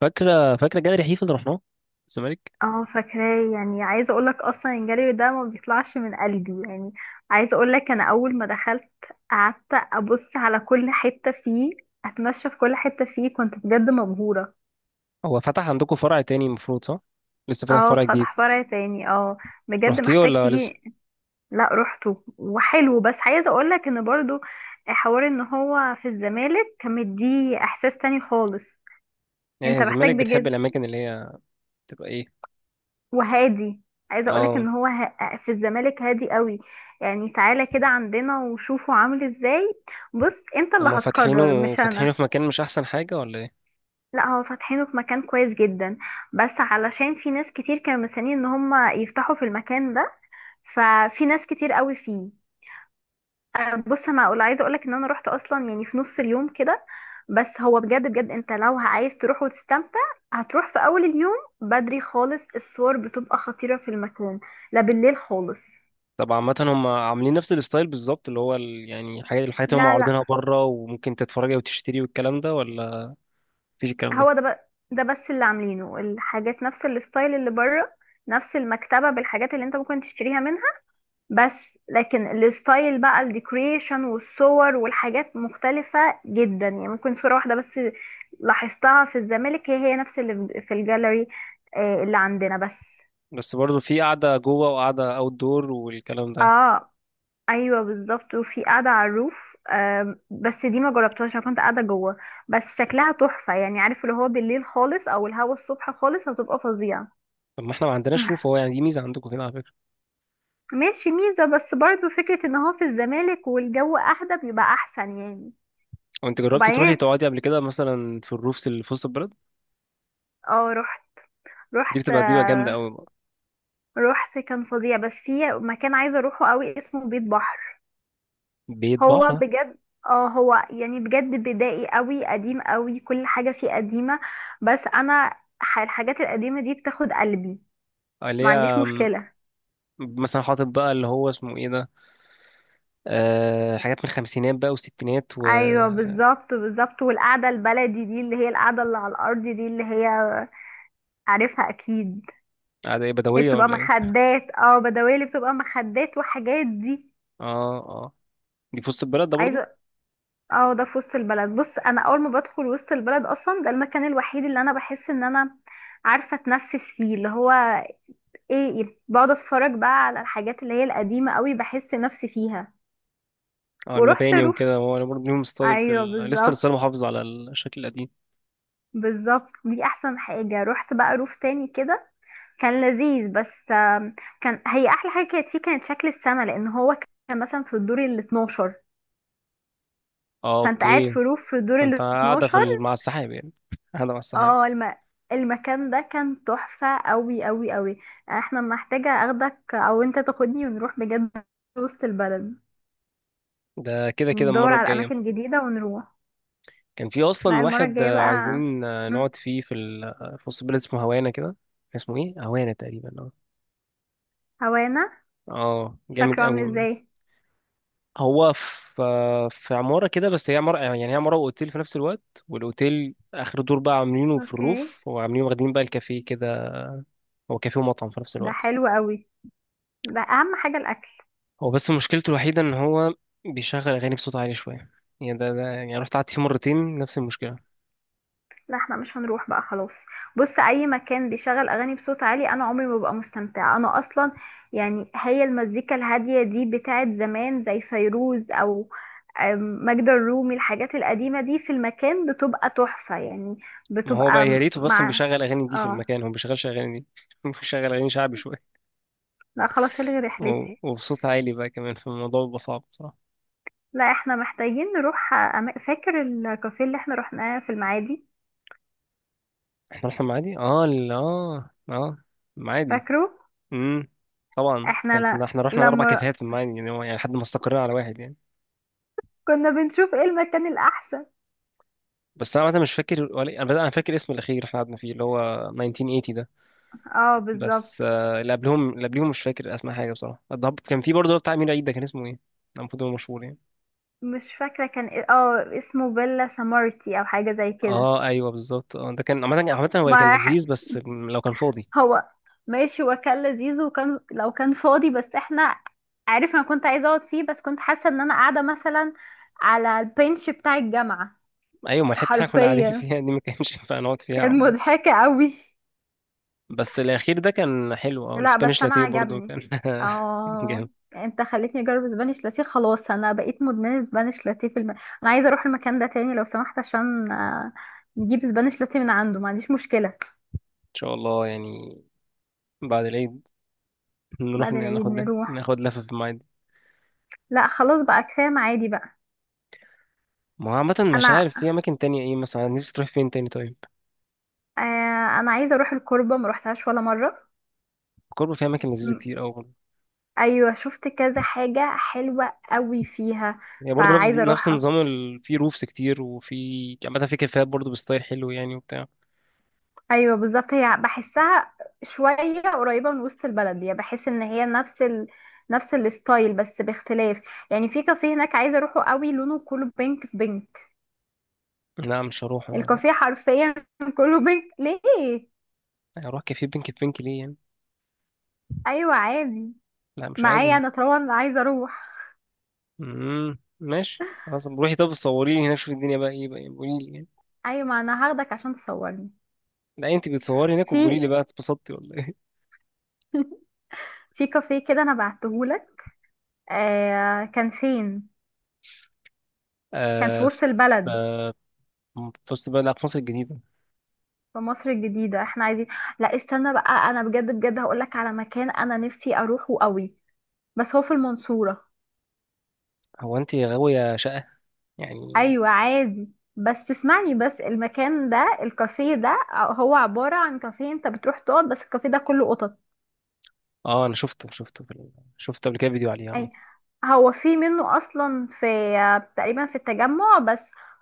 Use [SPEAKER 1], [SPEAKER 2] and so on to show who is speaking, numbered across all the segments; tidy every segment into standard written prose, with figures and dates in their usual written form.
[SPEAKER 1] فاكرة فاكرة جاليري حيفا اللي رحناه، الزمالك.
[SPEAKER 2] اه، فاكراه. يعني عايزه اقول لك اصلا الجري ده ما بيطلعش من قلبي يعني. عايزه اقول لك، انا اول ما دخلت قعدت ابص على كل حته فيه، اتمشى في كل حته فيه، كنت بجد مبهوره.
[SPEAKER 1] هو فتح عندكم فرع تاني المفروض، صح؟ لسه فتح
[SPEAKER 2] اه،
[SPEAKER 1] فرع جديد؟
[SPEAKER 2] فتح فرع تاني، اه. بجد
[SPEAKER 1] رحتيه
[SPEAKER 2] محتاج
[SPEAKER 1] ولا لسه؟
[SPEAKER 2] تيجي. لا، روحته وحلو، بس عايزه اقول لك ان برضو حوار ان هو في الزمالك كان مديه احساس تاني خالص.
[SPEAKER 1] ايه
[SPEAKER 2] انت محتاج
[SPEAKER 1] الزمالك؟ بتحب
[SPEAKER 2] بجد،
[SPEAKER 1] الاماكن اللي هي تبقى ايه؟
[SPEAKER 2] وهادي. عايزه اقولك
[SPEAKER 1] اه،
[SPEAKER 2] ان هو في الزمالك هادي قوي. يعني تعالى كده عندنا وشوفه عامل ازاي. بص، انت اللي
[SPEAKER 1] هما
[SPEAKER 2] هتقرر
[SPEAKER 1] فاتحينه
[SPEAKER 2] مش
[SPEAKER 1] فاتحينه
[SPEAKER 2] انا.
[SPEAKER 1] في مكان، مش احسن حاجة ولا ايه؟
[SPEAKER 2] لا، هو فاتحينه في مكان كويس جدا، بس علشان في ناس كتير كانوا مستنيين ان هم يفتحوا في المكان ده، ففي ناس كتير قوي فيه. بص، انا اقول عايزه اقولك ان انا رحت اصلا يعني في نص اليوم كده، بس هو بجد بجد انت لو عايز تروح وتستمتع هتروح في اول اليوم، بدري خالص. الصور بتبقى خطيره في المكان، لا بالليل خالص.
[SPEAKER 1] طب عامة هما عاملين نفس الستايل بالظبط اللي هو ال... يعني الحاجات اللي هما
[SPEAKER 2] لا لا،
[SPEAKER 1] عارضينها بره وممكن تتفرجي وتشتري والكلام ده، ولا مفيش الكلام ده؟
[SPEAKER 2] هو ده بقى، ده بس اللي عاملينه الحاجات نفس الستايل اللي بره، نفس المكتبة بالحاجات اللي انت ممكن تشتريها منها، بس. لكن الستايل بقى، الديكوريشن والصور والحاجات مختلفة جدا، يعني ممكن صورة واحدة بس لاحظتها في الزمالك هي هي نفس اللي في الجاليري، آه، اللي عندنا بس.
[SPEAKER 1] بس برضه في قعدة جوه وقعدة اوت دور والكلام ده.
[SPEAKER 2] اه، ايوه بالظبط، وفي قاعدة على الروف، بس دي ما جربتهاش، انا كنت قاعدة جوه. بس شكلها تحفة، يعني عارف اللي هو بالليل خالص او الهوا الصبح خالص هتبقى فظيعة.
[SPEAKER 1] طب ما احنا ما عندناش روف،
[SPEAKER 2] مح-
[SPEAKER 1] هو يعني دي ميزة عندكم كده على فكرة.
[SPEAKER 2] ماشي، ميزة، بس برضو فكرة ان هو في الزمالك والجو اهدى بيبقى احسن يعني.
[SPEAKER 1] وانت جربتي تروحي
[SPEAKER 2] وبعدين،
[SPEAKER 1] تقعدي قبل كده مثلا في الروفس اللي في وسط البلد؟
[SPEAKER 2] اه رحت
[SPEAKER 1] دي
[SPEAKER 2] رحت
[SPEAKER 1] بتبقى دي بقى جامده
[SPEAKER 2] آه،
[SPEAKER 1] قوي بقى.
[SPEAKER 2] رحت كان فظيع، بس في مكان عايزة اروحه قوي اسمه بيت بحر.
[SPEAKER 1] بيت
[SPEAKER 2] هو
[SPEAKER 1] بحر؟
[SPEAKER 2] بجد، اه هو يعني بجد بدائي قوي، قديم قوي، كل حاجة فيه قديمة، بس انا الحاجات القديمة دي بتاخد قلبي،
[SPEAKER 1] آه، اللي
[SPEAKER 2] ما عنديش
[SPEAKER 1] هي م،
[SPEAKER 2] مشكلة.
[SPEAKER 1] مثلا حاطط بقى اللي هو اسمه ايه ده، أه حاجات من الخمسينات بقى والستينات
[SPEAKER 2] ايوه
[SPEAKER 1] وقعدة.
[SPEAKER 2] بالظبط بالظبط، والقعدة البلدي دي اللي هي القعدة اللي على الارض دي اللي هي، عارفها اكيد.
[SPEAKER 1] ايه،
[SPEAKER 2] هي
[SPEAKER 1] بدويه
[SPEAKER 2] بتبقى
[SPEAKER 1] ولا ايه؟
[SPEAKER 2] مخدات، بدوالي، بتبقى مخدات وحاجات دي.
[SPEAKER 1] اه اه. دي في وسط البلد ده برضو؟
[SPEAKER 2] عايزه اه، ده في وسط البلد. بص، انا اول ما بدخل وسط البلد اصلا، ده المكان الوحيد اللي انا بحس ان انا عارفه اتنفس فيه، اللي هو ايه، بقعد اتفرج بقى على الحاجات اللي هي القديمه قوي، بحس نفسي فيها.
[SPEAKER 1] اه،
[SPEAKER 2] ورحت
[SPEAKER 1] المباني
[SPEAKER 2] روف،
[SPEAKER 1] وكده هو برضو ليهم ستايل في
[SPEAKER 2] ايوه
[SPEAKER 1] ال... لسه
[SPEAKER 2] بالظبط
[SPEAKER 1] لسه محافظ على الشكل القديم.
[SPEAKER 2] بالظبط، دي احسن حاجه. رحت بقى روف تاني كده، كان لذيذ بس. كان هي احلى حاجه كانت فيه، كانت شكل السما، لان هو كان مثلا في الدور ال 12،
[SPEAKER 1] اه،
[SPEAKER 2] فانت قاعد
[SPEAKER 1] اوكي.
[SPEAKER 2] في روف في الدور
[SPEAKER 1] انت
[SPEAKER 2] ال
[SPEAKER 1] قاعده في
[SPEAKER 2] 12.
[SPEAKER 1] ال... مع السحاب يعني. قاعده مع السحاب.
[SPEAKER 2] اه، المكان ده كان تحفة قوي قوي قوي. احنا محتاجة اخدك او انت تاخدني، ونروح بجد وسط البلد،
[SPEAKER 1] ده كده كده
[SPEAKER 2] ندور
[SPEAKER 1] المره
[SPEAKER 2] على
[SPEAKER 1] الجايه.
[SPEAKER 2] اماكن جديدة ونروح.
[SPEAKER 1] كان في
[SPEAKER 2] لا،
[SPEAKER 1] اصلا
[SPEAKER 2] المرة
[SPEAKER 1] واحد
[SPEAKER 2] الجاية بقى.
[SPEAKER 1] عايزين
[SPEAKER 2] مم.
[SPEAKER 1] نقعد فيه في ال- آه، في وسط البلد اسمه هوانا كده. اسمه ايه، هوانا تقريبا، اه.
[SPEAKER 2] هوانا
[SPEAKER 1] اه جامد
[SPEAKER 2] شكله
[SPEAKER 1] قوي.
[SPEAKER 2] عامل ازاي؟
[SPEAKER 1] هو في في عماره كده، بس هي عماره يعني، هي عماره واوتيل في نفس الوقت، والاوتيل اخر دور بقى عاملينه في
[SPEAKER 2] اوكي.
[SPEAKER 1] الروف وعاملين واخدين بقى الكافيه كده. هو كافيه ومطعم في نفس
[SPEAKER 2] ده
[SPEAKER 1] الوقت.
[SPEAKER 2] حلو قوي، ده اهم حاجة الاكل.
[SPEAKER 1] هو بس مشكلته الوحيده ان هو بيشغل اغاني بصوت عالي شويه. يعني ده يعني رحت قعدت فيه مرتين نفس المشكله.
[SPEAKER 2] لا، احنا مش هنروح بقى خلاص. بص، اي مكان بيشغل اغاني بصوت عالي انا عمري ما ببقى مستمتعه انا اصلا. يعني هي المزيكا الهاديه دي بتاعت زمان زي فيروز او أم، ماجدة الرومي، الحاجات القديمه دي في المكان بتبقى تحفه يعني،
[SPEAKER 1] ما هو بقى
[SPEAKER 2] بتبقى
[SPEAKER 1] يا ريته بس
[SPEAKER 2] مع،
[SPEAKER 1] بيشغل اغاني دي في
[SPEAKER 2] اه.
[SPEAKER 1] المكان، هو ما بيشغلش اغاني دي. بيشغل اغاني شعبي شويه.
[SPEAKER 2] لا خلاص، الغي
[SPEAKER 1] و-
[SPEAKER 2] رحلتي.
[SPEAKER 1] وبصوت عالي بقى كمان، فالموضوع بيبقى صعب بصراحة.
[SPEAKER 2] لا، احنا محتاجين نروح. فاكر الكافيه اللي احنا رحناه في المعادي؟
[SPEAKER 1] مرحب معادي، اه، لا اه اه، معادي.
[SPEAKER 2] فاكره.
[SPEAKER 1] امم. طبعا
[SPEAKER 2] احنا
[SPEAKER 1] كانت احنا رحنا اربع
[SPEAKER 2] لما
[SPEAKER 1] كافيهات في المعادي يعني، هو يعني لحد ما استقرينا على واحد يعني.
[SPEAKER 2] كنا بنشوف ايه المكان الاحسن.
[SPEAKER 1] بس انا عامة مش فاكر ولا إيه، انا فاكر اسم الاخير اللي احنا قعدنا فيه اللي هو 1980 ده.
[SPEAKER 2] اه بالظبط.
[SPEAKER 1] بس آه اللي قبلهم اللي قبليهم مش فاكر اسماء حاجة بصراحة. الضب كان في برضه بتاع امير عيد، ده كان اسمه ايه؟ ده المفروض هو مشهور يعني.
[SPEAKER 2] مش فاكرة، كان اسمه بيلا سامارتي او حاجة زي كده.
[SPEAKER 1] اه ايوه بالظبط، اه ده كان عامة، عامة هو كان
[SPEAKER 2] ما ح-
[SPEAKER 1] لذيذ بس لو كان فاضي.
[SPEAKER 2] هو ماشي، هو كان لذيذ وكان لو كان فاضي، بس احنا، عارف، انا كنت عايزة اقعد فيه بس كنت حاسة ان انا قاعدة مثلا على البنش بتاع الجامعة
[SPEAKER 1] ايوه، ما لحقت حاجة، كنا قاعدين
[SPEAKER 2] حرفيا.
[SPEAKER 1] فيها دي ما كانش ينفع نقعد فيها
[SPEAKER 2] كان
[SPEAKER 1] عامة.
[SPEAKER 2] مضحكة قوي.
[SPEAKER 1] بس الأخير ده كان حلو، أو
[SPEAKER 2] لا بس
[SPEAKER 1] الاسبانيش
[SPEAKER 2] انا
[SPEAKER 1] لاتيه برضو
[SPEAKER 2] عجبني،
[SPEAKER 1] كان
[SPEAKER 2] اه.
[SPEAKER 1] جامد.
[SPEAKER 2] انت خليتني اجرب سبانيش لاتيه، خلاص انا بقيت مدمنة سبانيش لاتيه في انا عايزة اروح المكان ده تاني لو سمحت، عشان آه، نجيب سبانيش لاتيه من عنده، ما عنديش مشكلة.
[SPEAKER 1] إن شاء الله يعني بعد العيد نروح
[SPEAKER 2] بعد العيد
[SPEAKER 1] ناخد
[SPEAKER 2] نروح.
[SPEAKER 1] ناخد لفة في المعادي.
[SPEAKER 2] لا خلاص بقى، كفايه معادي بقى.
[SPEAKER 1] ما هو عامة مش
[SPEAKER 2] انا
[SPEAKER 1] عارف، في أماكن تانية إيه مثلا نفسي تروح فين تاني طيب؟
[SPEAKER 2] انا عايزه اروح الكوربه، ما روحتهاش ولا مره.
[SPEAKER 1] كوربو فيها أماكن لذيذة
[SPEAKER 2] م-
[SPEAKER 1] كتير أوي برضه.
[SPEAKER 2] ايوه، شفت كذا حاجه حلوه قوي فيها،
[SPEAKER 1] يعني برضه نفس
[SPEAKER 2] فعايزه
[SPEAKER 1] نفس
[SPEAKER 2] اروحها.
[SPEAKER 1] النظام ال... في روفس كتير وفي عامة في كافيهات برضه بستايل حلو يعني وبتاع.
[SPEAKER 2] ايوه بالظبط، هي بحسها شويه قريبه من وسط البلد، يعني بحس ان هي نفس نفس الستايل بس باختلاف. يعني في كافيه هناك عايزه اروحه قوي، لونه كله بينك في بينك.
[SPEAKER 1] لا مش هروح أنا، لا.
[SPEAKER 2] الكافيه حرفيا كله بينك ليه.
[SPEAKER 1] هروح كافيه بينك بينك ليه يعني؟
[SPEAKER 2] ايوه عادي،
[SPEAKER 1] لا مش
[SPEAKER 2] معايا
[SPEAKER 1] عادي.
[SPEAKER 2] انا طبعا عايزه اروح.
[SPEAKER 1] ماشي خلاص روحي، طب صوريني هناك، شوفي الدنيا بقى إيه بقى يعني، قوليلي يعني.
[SPEAKER 2] ايوه، ما انا هاخدك عشان تصورني.
[SPEAKER 1] لا انت بتصوري هناك
[SPEAKER 2] في
[SPEAKER 1] وبقولي لي بقى اتبسطتي ولا ايه.
[SPEAKER 2] في كافيه كده انا بعتهولك. آه، كان فين؟ كان في
[SPEAKER 1] آه.
[SPEAKER 2] وسط البلد.
[SPEAKER 1] في وسط بقى، لا، في مصر الجديدة.
[SPEAKER 2] في مصر الجديدة، احنا عايزين. لا استنى بقى، انا بجد بجد هقولك على مكان انا نفسي اروحه قوي، بس هو في المنصورة.
[SPEAKER 1] هو انت غاوية شقة يعني.
[SPEAKER 2] ايوه عادي، بس تسمعني بس. المكان ده الكافيه ده هو عبارة عن كافيه انت بتروح تقعد، بس الكافيه ده كله قطط.
[SPEAKER 1] اه انا شفته في ال... شفته قبل كده فيديو عليه عامة.
[SPEAKER 2] اي، هو في منه اصلا، في تقريبا في التجمع، بس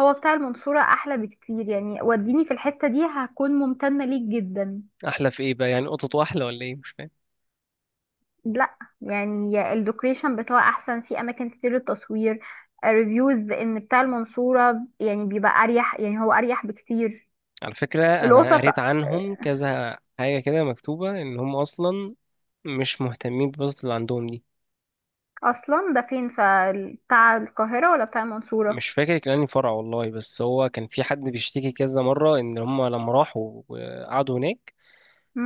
[SPEAKER 2] هو بتاع المنصورة احلى بكتير يعني. وديني في الحتة دي هكون ممتنة ليك جدا.
[SPEAKER 1] احلى في ايه بقى يعني، قطط احلى ولا ايه مش فاهم.
[SPEAKER 2] لا، يعني الديكوريشن بتاعه احسن، في اماكن كتير للتصوير، ريفيوز ان بتاع المنصورة يعني بيبقى اريح، يعني هو اريح بكتير.
[SPEAKER 1] على فكرة، انا
[SPEAKER 2] القطط، آه،
[SPEAKER 1] قريت عنهم كذا حاجة كده مكتوبة ان هم اصلا مش مهتمين بالقطط اللي عندهم دي.
[SPEAKER 2] اصلا ده فين، فبتاع القاهرة ولا بتاع المنصورة؟
[SPEAKER 1] مش فاكر كان انهي فرع والله، بس هو كان في حد بيشتكي كذا مرة ان هم لما راحوا وقعدوا هناك،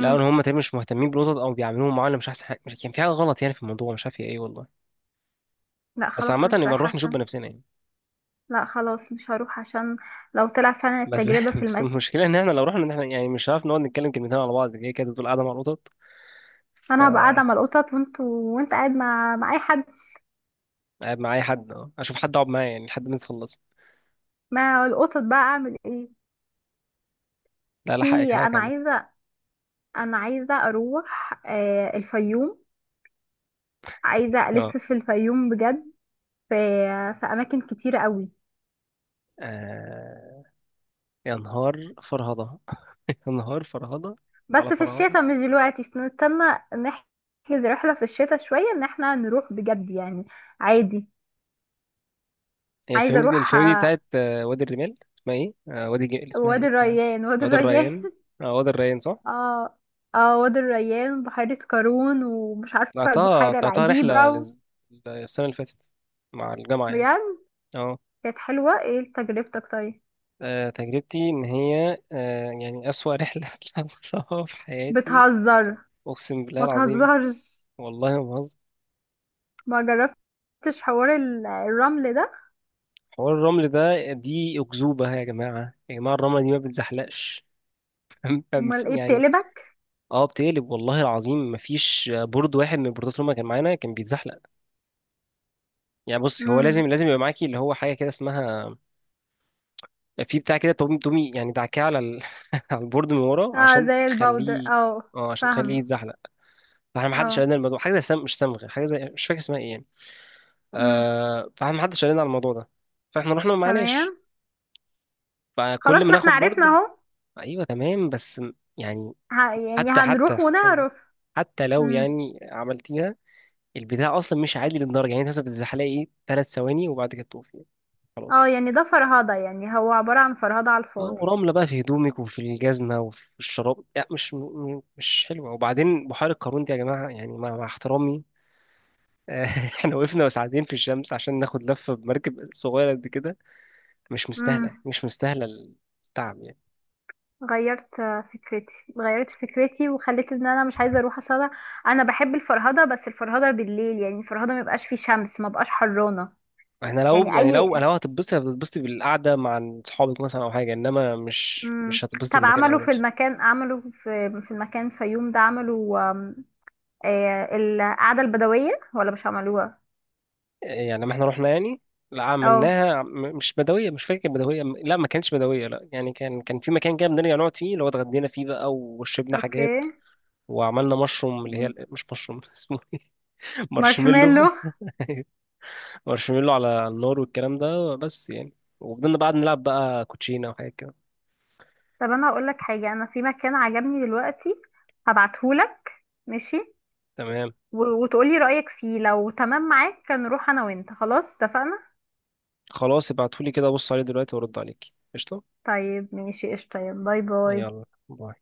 [SPEAKER 1] لا ان هم تقريبا مش مهتمين بالقطط او بيعاملوهم معامله مش احسن حاجه، كان في حاجه غلط يعني في الموضوع، مش عارف هي ايه والله.
[SPEAKER 2] لا
[SPEAKER 1] بس
[SPEAKER 2] خلاص
[SPEAKER 1] عامه يبقى
[SPEAKER 2] مش رايحة
[SPEAKER 1] نروح نشوف
[SPEAKER 2] عشان.
[SPEAKER 1] بنفسنا يعني.
[SPEAKER 2] لا خلاص مش هروح عشان، لو طلع فعلا
[SPEAKER 1] بس
[SPEAKER 2] التجربة في
[SPEAKER 1] بس
[SPEAKER 2] المكان،
[SPEAKER 1] المشكله ان احنا لو رحنا ان احنا يعني مش هنعرف نقعد نتكلم كلمتين على بعض، هي كده تقول قاعده مع القطط.
[SPEAKER 2] انا هبقى قاعده
[SPEAKER 1] فقاعد
[SPEAKER 2] مع القطط، وانت قاعد مع اي حد.
[SPEAKER 1] مع اي حد، اه اشوف حد اقعد معاه يعني لحد ما تخلص.
[SPEAKER 2] مع القطط بقى، اعمل ايه؟
[SPEAKER 1] لا لا، حقك
[SPEAKER 2] في
[SPEAKER 1] حقك
[SPEAKER 2] انا
[SPEAKER 1] عامه.
[SPEAKER 2] عايزه انا عايزه اروح آه، الفيوم. عايزه
[SPEAKER 1] اه.
[SPEAKER 2] في الفيوم بجد. في اماكن كتيره قوي،
[SPEAKER 1] آه، يا نهار فرهضه. يا نهار فرهضه،
[SPEAKER 2] بس
[SPEAKER 1] على
[SPEAKER 2] في
[SPEAKER 1] فرهضه.
[SPEAKER 2] الشتاء مش دلوقتي، استنى نحجز رحله في الشتاء شويه ان احنا نروح بجد يعني، عادي.
[SPEAKER 1] هي
[SPEAKER 2] عايزه
[SPEAKER 1] الفيلم دي
[SPEAKER 2] اروح
[SPEAKER 1] الفيلم دي بتاعت وادي الرمال اسمها ايه، اسمها ايه
[SPEAKER 2] وادي
[SPEAKER 1] بتاع.
[SPEAKER 2] الريان، وادي
[SPEAKER 1] وادي
[SPEAKER 2] الريان
[SPEAKER 1] الريان. اه وادي الريان صح.
[SPEAKER 2] اه اه، وادي الريان، بحيره قارون، ومش عارفه
[SPEAKER 1] طلعتها
[SPEAKER 2] البحيره
[SPEAKER 1] طلعتها
[SPEAKER 2] العجيبه.
[SPEAKER 1] السنة اللي فاتت مع الجامعة يعني.
[SPEAKER 2] بجد؟
[SPEAKER 1] اه.
[SPEAKER 2] كانت حلوة. ايه تجربتك طيب؟
[SPEAKER 1] تجربتي إن هي يعني أسوأ رحلة طلعتها في حياتي.
[SPEAKER 2] بتهزر.
[SPEAKER 1] أقسم بالله
[SPEAKER 2] ما
[SPEAKER 1] العظيم.
[SPEAKER 2] تهزرش.
[SPEAKER 1] والله ما بهزر.
[SPEAKER 2] ما جربتش حوار الرمل ده.
[SPEAKER 1] حوار الرمل ده دي أكذوبة يا جماعة، يا جماعة الرملة دي ما بتزحلقش.
[SPEAKER 2] امال ايه
[SPEAKER 1] يعني.
[SPEAKER 2] بتقلبك.
[SPEAKER 1] اه بتقلب والله العظيم، مفيش بورد واحد من البوردات اللي هما كان معانا كان بيتزحلق. يعني بص هو لازم
[SPEAKER 2] امم.
[SPEAKER 1] لازم يبقى معاكي اللي هو حاجة كده اسمها، في بتاع كده تومي تومي يعني دعكاه على ال... على البورد من ورا
[SPEAKER 2] اه،
[SPEAKER 1] عشان
[SPEAKER 2] زي الباودر،
[SPEAKER 1] تخليه.
[SPEAKER 2] اه.
[SPEAKER 1] اه عشان تخليه
[SPEAKER 2] فاهمة.
[SPEAKER 1] يتزحلق. فاحنا ما حدش
[SPEAKER 2] اه.
[SPEAKER 1] قال لنا الموضوع حاجه زي مش صمغ، حاجه زي مش فاكر اسمها ايه يعني.
[SPEAKER 2] امم.
[SPEAKER 1] فاحنا ما حدش قال لنا على الموضوع ده. فاحنا رحنا ما معناش.
[SPEAKER 2] تمام.
[SPEAKER 1] فكل ما
[SPEAKER 2] خلاص، ما احنا
[SPEAKER 1] ناخد
[SPEAKER 2] عرفنا
[SPEAKER 1] بورد،
[SPEAKER 2] اهو.
[SPEAKER 1] ايوه تمام. بس يعني
[SPEAKER 2] يعني
[SPEAKER 1] حتى
[SPEAKER 2] هنروح
[SPEAKER 1] ثانية.
[SPEAKER 2] ونعرف.
[SPEAKER 1] حتى لو
[SPEAKER 2] امم.
[SPEAKER 1] يعني عملتيها، البتاع اصلا مش عادي للدرجه. يعني انت مثلا بتزحلقي ايه ثلاث ثواني وبعد كده بتقفي
[SPEAKER 2] اه،
[SPEAKER 1] خلاص.
[SPEAKER 2] يعني ده فرهدة، يعني هو عبارة عن فرهدة على
[SPEAKER 1] اه
[SPEAKER 2] الفاضي.
[SPEAKER 1] ورملة بقى في هدومك وفي الجزمة وفي الشراب يعني، مش حلوة. وبعدين بحيرة قارون دي يا جماعة يعني، مع احترامي احنا وقفنا ساعتين في الشمس عشان ناخد لفة بمركب صغيرة قد كده، مش مستاهلة يعني،
[SPEAKER 2] امم.
[SPEAKER 1] مش مستاهلة التعب يعني.
[SPEAKER 2] غيرت فكرتي، غيرت فكرتي وخليت ان انا مش عايزه اروح، اصل انا، أنا بحب الفرهده بس الفرهده بالليل، يعني الفرهده ما يبقاش فيه شمس، ما بقاش حرانه.
[SPEAKER 1] احنا لو
[SPEAKER 2] يعني
[SPEAKER 1] يعني
[SPEAKER 2] اي.
[SPEAKER 1] لو انا لو هتتبسطي بالقعدة مع صحابك مثلا او حاجة، انما مش
[SPEAKER 2] مم.
[SPEAKER 1] هتتبسطي
[SPEAKER 2] طب
[SPEAKER 1] بالمكان قوي.
[SPEAKER 2] عملوا في المكان، عملوا في المكان فيوم ده، عملوا، آه، القعده البدويه ولا مش عملوها؟
[SPEAKER 1] يعني ما احنا رحنا يعني، لا
[SPEAKER 2] اه
[SPEAKER 1] عملناها، مش بدوية، مش فاكر بدوية، لا ما كانتش بدوية لا يعني، كان في مكان كده بنرجع نقعد فيه اللي هو اتغدينا فيه بقى وشربنا حاجات.
[SPEAKER 2] اوكي.
[SPEAKER 1] وعملنا مشروم، اللي هي
[SPEAKER 2] مم.
[SPEAKER 1] مش مشروم اسمه إيه؟ مارشميلو.
[SPEAKER 2] مارشميلو.
[SPEAKER 1] مارشميلو على النار والكلام ده بس يعني. وفضلنا بعد نلعب بقى كوتشينة وحاجات كده.
[SPEAKER 2] طب انا هقول لك حاجه، انا في مكان عجبني دلوقتي هبعتهولك. ماشي.
[SPEAKER 1] تمام.
[SPEAKER 2] وتقولي رأيك فيه، لو تمام معاك نروح انا وانت، خلاص اتفقنا.
[SPEAKER 1] خلاص ابعتولي كده بص عليه دلوقتي وارد عليك. قشطة.
[SPEAKER 2] طيب ماشي، قشطة، يلا، باي باي.
[SPEAKER 1] يلا باي.